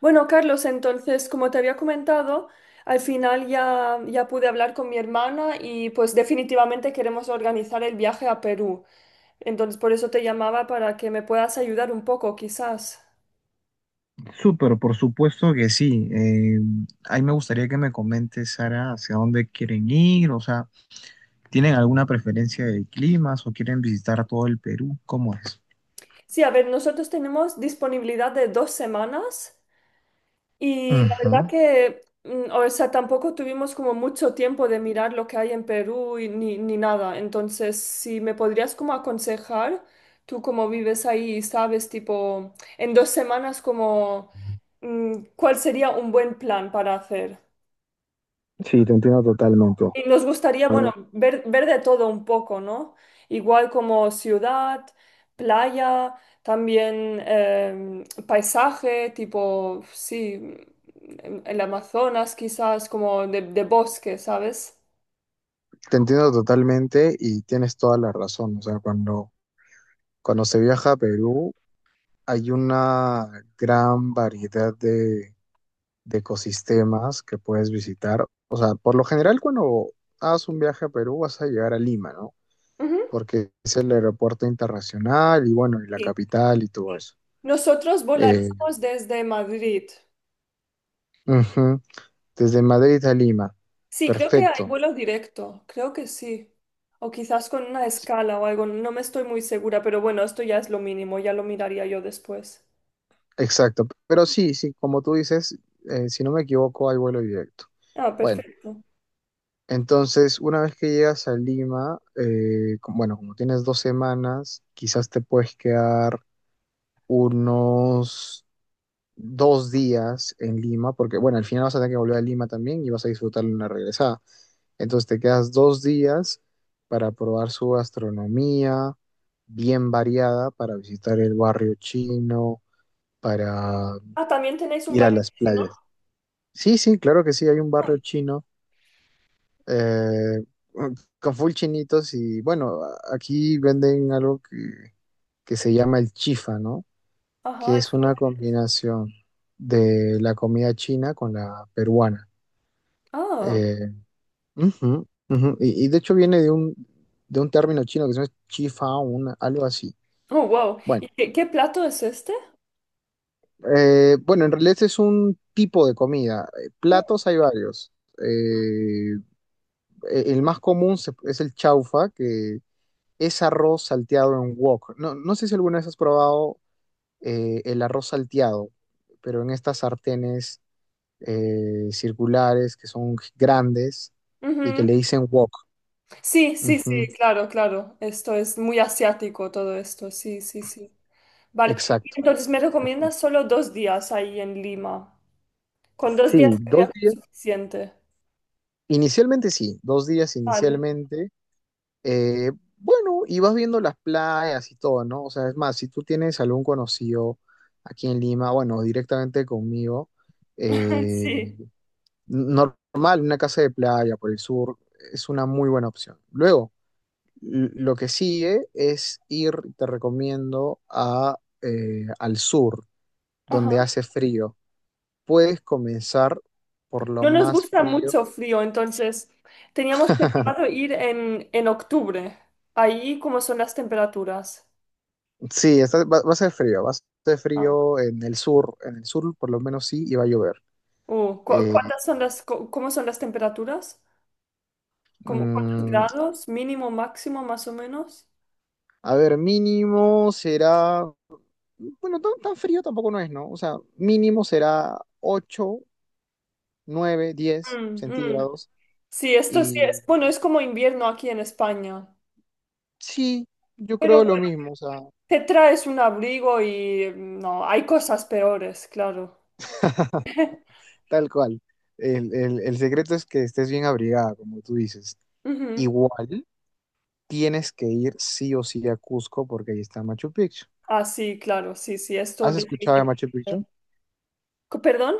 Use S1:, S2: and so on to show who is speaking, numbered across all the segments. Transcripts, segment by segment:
S1: Bueno, Carlos, entonces, como te había comentado, al final ya pude hablar con mi hermana y pues definitivamente queremos organizar el viaje a Perú. Entonces, por eso te llamaba para que me puedas ayudar un poco, quizás.
S2: Súper, por supuesto que sí. Ahí me gustaría que me comentes, Sara, hacia dónde quieren ir, o sea, ¿tienen alguna preferencia de climas o quieren visitar todo el Perú? ¿Cómo es?
S1: Sí, a ver, nosotros tenemos disponibilidad de 2 semanas. Y la verdad
S2: Ujú.
S1: que, o sea, tampoco tuvimos como mucho tiempo de mirar lo que hay en Perú y ni nada. Entonces, si me podrías como aconsejar, tú como vives ahí y sabes, tipo, en 2 semanas como, ¿cuál sería un buen plan para hacer?
S2: Sí, te entiendo totalmente.
S1: Y nos gustaría, bueno,
S2: Eh,
S1: ver de todo un poco, ¿no? Igual como ciudad, playa, también paisaje, tipo, sí, en el Amazonas quizás, como de bosque, ¿sabes?
S2: Te entiendo totalmente y tienes toda la razón. O sea, cuando se viaja a Perú hay una gran variedad de ecosistemas que puedes visitar. O sea, por lo general cuando haces un viaje a Perú vas a llegar a Lima, ¿no?
S1: Ujú,
S2: Porque es el aeropuerto internacional y bueno, y la
S1: sí.
S2: capital y todo eso.
S1: Nosotros
S2: Eh,
S1: volaríamos desde Madrid.
S2: Ujú. Desde Madrid a Lima.
S1: Sí, creo que hay
S2: Perfecto,
S1: vuelo directo, creo que sí. O quizás con una escala o algo, no me estoy muy segura, pero bueno, esto ya es lo mínimo, ya lo miraría yo después.
S2: exacto. Pero sí, sí, como tú dices, si no me equivoco, hay vuelo directo.
S1: Ah,
S2: Bueno,
S1: perfecto.
S2: entonces, una vez que llegas a Lima, bueno, como tienes 2 semanas, quizás te puedes quedar unos 2 días en Lima, porque bueno, al final vas a tener que volver a Lima también y vas a disfrutar una regresada. Entonces te quedas 2 días para probar su gastronomía bien variada, para visitar el barrio chino, para
S1: Ah, también tenéis un
S2: ir a
S1: bar
S2: las
S1: chino.
S2: playas. Sí, sí, claro que sí, hay un barrio chino eh, con full chinitos y bueno, aquí venden algo que se llama el chifa, ¿no? Que
S1: Ajá,
S2: es
S1: esto.
S2: una combinación de la comida china con la peruana.
S1: Ah,
S2: Eh, Ujú, ujú. Y de hecho viene de un término chino que se llama chifao, algo así.
S1: oh, wow.
S2: Bueno,
S1: ¿Y qué plato es este?
S2: bueno, en realidad este es un tipo de comida.
S1: Ah,
S2: Platos hay varios. Eh, el más común es el chaufa, que es arroz salteado en wok. No, no sé si alguna vez has probado el arroz salteado, pero en estas sartenes circulares que son grandes y que le
S1: ujú.
S2: dicen wok.
S1: Sí, sí, sí,
S2: Ujú,
S1: claro, claro. Esto es muy asiático todo esto, sí, sí, sí. Vale, y
S2: exacto.
S1: entonces me recomiendas solo 2 días ahí en Lima. Con 2 días
S2: Sí,
S1: sería
S2: 2 días.
S1: suficiente.
S2: Inicialmente sí, 2 días
S1: Vale,
S2: inicialmente. Eh, bueno, y vas viendo las playas y todo, ¿no? O sea, es más, si tú tienes algún conocido aquí en Lima, bueno, directamente conmigo, eh,
S1: sí.
S2: n- normal, una casa de playa por el sur es una muy buena opción. Luego, lo que sigue es ir, te recomiendo, al sur, donde
S1: Ajá.
S2: hace frío. Puedes comenzar por lo
S1: No nos
S2: más
S1: gusta
S2: frío.
S1: mucho frío, entonces teníamos pensado ir en octubre. Ahí, ¿cómo son las temperaturas?
S2: Sí, va a ser frío, va a ser frío en el sur por lo menos sí, y va a llover.
S1: Oh,
S2: Eh,
S1: cuántas son ¿cómo son las temperaturas? ¿Cuántos
S2: mm,
S1: grados? ¿Mínimo, máximo, más o menos?
S2: a ver, mínimo será, bueno, tan, tan frío tampoco no es, ¿no? O sea, mínimo será ocho, nueve, diez
S1: Mm, mm.
S2: centígrados
S1: Sí, esto sí es,
S2: y
S1: bueno, es como invierno aquí en España.
S2: sí, yo
S1: Pero
S2: creo lo
S1: bueno,
S2: mismo, o sea,
S1: te traes un abrigo y no, hay cosas peores, claro.
S2: tal cual. El secreto es que estés bien abrigada, como tú dices.
S1: Ujú.
S2: Igual tienes que ir sí o sí a Cusco porque ahí está Machu Picchu.
S1: Ah, sí, claro, sí, sí, esto
S2: ¿Has escuchado de Machu Picchu?
S1: definitivamente. ¿Perdón?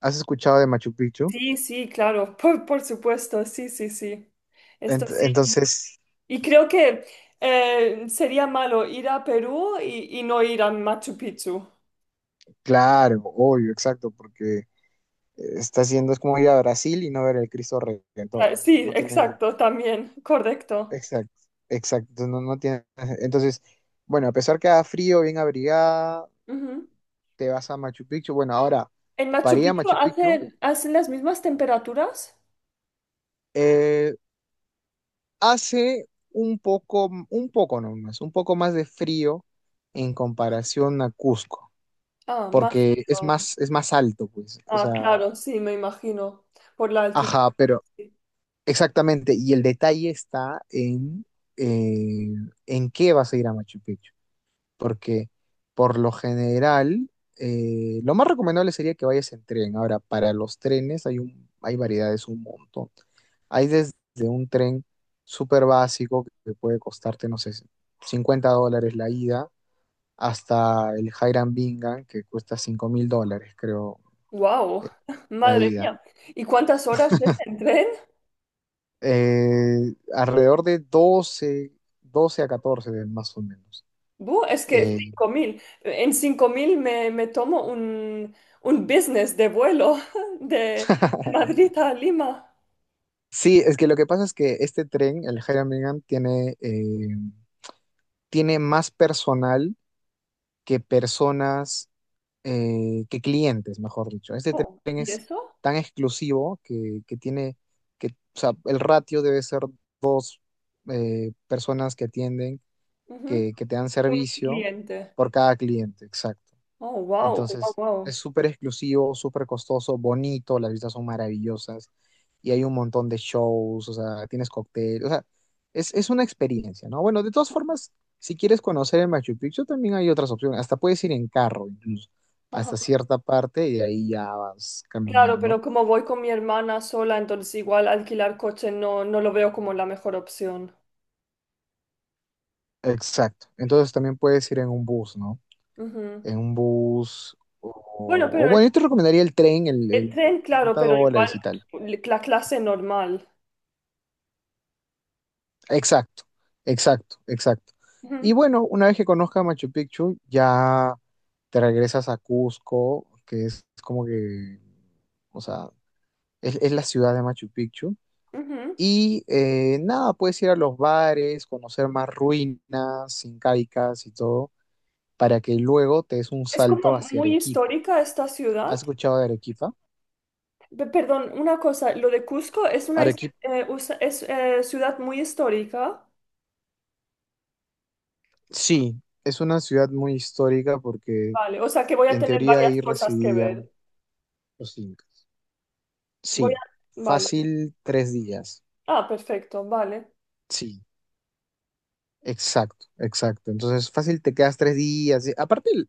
S2: ¿Has escuchado de Machu Picchu?
S1: Sí, sí, claro, por supuesto, sí, sí, sí. Esto sí.
S2: Entonces,
S1: Y creo que sería malo ir a Perú y no ir a Machu Picchu.
S2: claro, obvio, exacto, porque está haciendo, es como ir a Brasil y no ver el Cristo Redentor,
S1: Ah,
S2: no, no,
S1: sí,
S2: no tiene,
S1: exacto, también, correcto.
S2: exacto, exacto, no, no tiene, entonces, bueno, a pesar que haga frío, bien abrigada,
S1: Ujú.
S2: te vas a Machu Picchu, bueno, ahora,
S1: ¿En Machu
S2: para ir a
S1: Picchu
S2: Machu Picchu,
S1: hacen las mismas temperaturas?
S2: eh, hace un poco nomás, un poco más de frío en comparación a Cusco,
S1: Ah, más
S2: porque
S1: frío.
S2: es más alto, pues, o sea,
S1: Ah, claro, sí, me imagino, por la altitud.
S2: ajá, pero exactamente, y el detalle está eh, en qué vas a ir a Machu Picchu, porque por lo general lo más recomendable sería que vayas en tren. Ahora, para los trenes hay variedades un montón. Hay desde un tren súper básico que puede costarte, no sé, $50 la ida, hasta el Hiram Bingham que cuesta $5.000, creo, eh,
S1: Wow,
S2: la
S1: madre
S2: ida.
S1: mía. ¿Y cuántas horas es en tren?
S2: Alrededor de doce a 14 más o menos.
S1: Bu, es que
S2: Eh,
S1: 5000. En 5000 me, me tomo un business de vuelo de Madrid a Lima.
S2: sí, es que lo que pasa es que este tren, el Hiram Bingham, tiene más personal que personas, que clientes, mejor dicho. Este
S1: Oh,
S2: tren
S1: ¿y
S2: es
S1: eso?
S2: tan exclusivo que tiene, o sea, el ratio debe ser dos personas que atienden,
S1: Ujú.
S2: que te dan
S1: Un
S2: servicio
S1: cliente.
S2: por cada cliente, exacto.
S1: Oh, wow, wow,
S2: Entonces,
S1: wow.
S2: es súper exclusivo, súper costoso, bonito, las vistas son maravillosas y hay un montón de shows, o sea, tienes cóctel, o sea, es una experiencia, ¿no? Bueno, de todas formas, si quieres conocer el Machu Picchu, también hay otras opciones, hasta puedes ir en carro incluso, hasta
S1: Ajá.
S2: cierta parte y de ahí ya vas
S1: Claro, pero
S2: caminando.
S1: como voy con mi hermana sola, entonces igual alquilar coche no, no lo veo como la mejor opción.
S2: Exacto, entonces también puedes ir en un bus, ¿no?
S1: Ujú.
S2: En un bus, o,
S1: Bueno, sí,
S2: o
S1: pero
S2: bueno, yo te recomendaría el tren, el,
S1: el
S2: el
S1: tren, claro,
S2: 50
S1: pero igual
S2: dólares y tal.
S1: la clase normal.
S2: Exacto, exacto, exacto. Y
S1: Ujú,
S2: bueno, una vez que conozcas Machu Picchu, ya te regresas a Cusco, que es como que, o sea, es la ciudad de Machu Picchu.
S1: ujú.
S2: Y nada, puedes ir a los bares, conocer más ruinas incaicas y todo, para que luego te des un
S1: Es como
S2: salto hacia
S1: muy
S2: Arequipa.
S1: histórica esta ciudad.
S2: ¿Has escuchado de Arequipa?
S1: Perdón, una cosa, lo de Cusco es una
S2: Arequipa.
S1: es, ciudad muy histórica.
S2: Sí, es una ciudad muy histórica porque
S1: Vale, o sea que voy a
S2: en
S1: tener
S2: teoría
S1: varias
S2: ahí
S1: cosas que ver.
S2: residían los incas.
S1: Voy a...
S2: Sí,
S1: Vale.
S2: fácil 3 días.
S1: Ah, perfecto, vale.
S2: Sí, exacto, exacto. Entonces, fácil te quedas 3 días. Y aparte,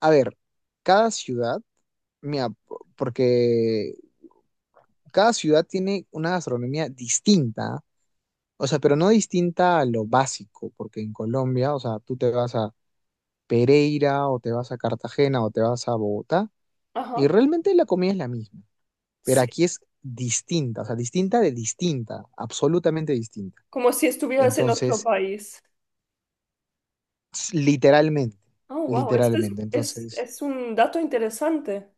S2: a ver, cada ciudad, mira, porque cada ciudad tiene una gastronomía distinta, o sea, pero no distinta a lo básico, porque en Colombia, o sea, tú te vas a Pereira o te vas a Cartagena o te vas a Bogotá y
S1: Ajá,
S2: realmente la comida es la misma, pero
S1: sí.
S2: aquí es distinta, o sea, distinta de distinta, absolutamente distinta.
S1: Como si estuvieras en otro
S2: Entonces,
S1: país.
S2: literalmente,
S1: Oh, wow, este
S2: literalmente. Entonces,
S1: es un dato interesante.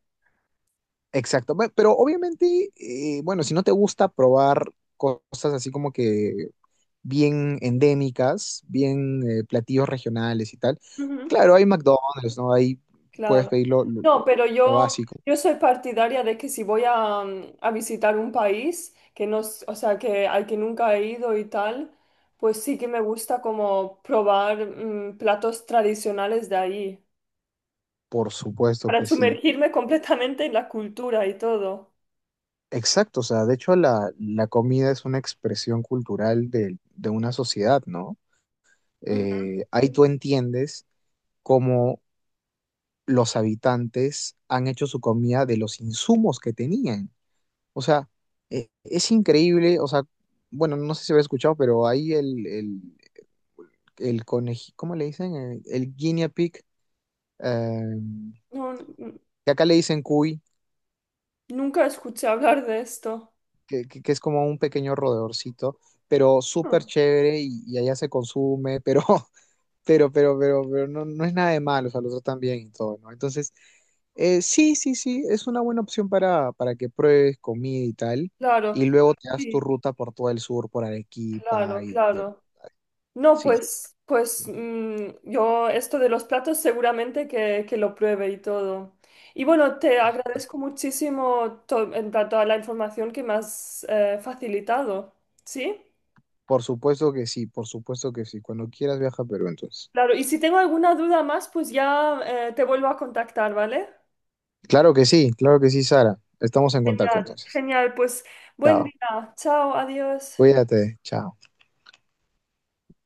S2: exacto. Pero obviamente, bueno, si no te gusta probar cosas así como que bien endémicas, bien platillos regionales y tal,
S1: Ujú,
S2: claro, hay McDonald's, ¿no? Ahí puedes
S1: claro.
S2: pedir
S1: No, pero
S2: lo básico.
S1: yo soy partidaria de que si voy a, a visitar un país que no, o sea, que al que nunca he ido y tal, pues sí que me gusta como probar platos tradicionales de ahí,
S2: Por supuesto
S1: para
S2: que sí.
S1: sumergirme completamente en la cultura y todo.
S2: Exacto, o sea, de hecho la comida es una expresión cultural de una sociedad, ¿no?
S1: Ujú.
S2: Ahí tú entiendes cómo los habitantes han hecho su comida de los insumos que tenían. O sea, es increíble, o sea, bueno, no sé si habéis escuchado, pero ahí ¿cómo le dicen? El guinea pig, eh,
S1: No, n-
S2: que acá le dicen cuy,
S1: nunca escuché hablar de esto.
S2: que es como un pequeño rodeorcito, pero súper
S1: Ah,
S2: chévere y, allá se consume, pero, pero no, no es nada de malo, o sea, lo tratan bien y todo, ¿no? Entonces, sí, sí, sí, es una buena opción para que pruebes comida y tal,
S1: claro,
S2: y luego te das tu
S1: sí,
S2: ruta por todo el sur, por Arequipa
S1: claro, claro. No,
S2: sí,
S1: pues,
S2: sí,
S1: yo esto de los platos seguramente que lo pruebe y todo. Y bueno, te
S2: por supuesto.
S1: agradezco muchísimo en plan, toda la información que me has facilitado, ¿sí?
S2: Por supuesto que sí, por supuesto que sí. Cuando quieras viaja a Perú, entonces.
S1: Claro, y si tengo alguna duda más, pues ya te vuelvo a contactar, ¿vale?
S2: Claro que sí, Sara. Estamos en contacto
S1: Genial,
S2: entonces.
S1: genial, pues buen
S2: Chao.
S1: día, chao, adiós.
S2: Cuídate, chao.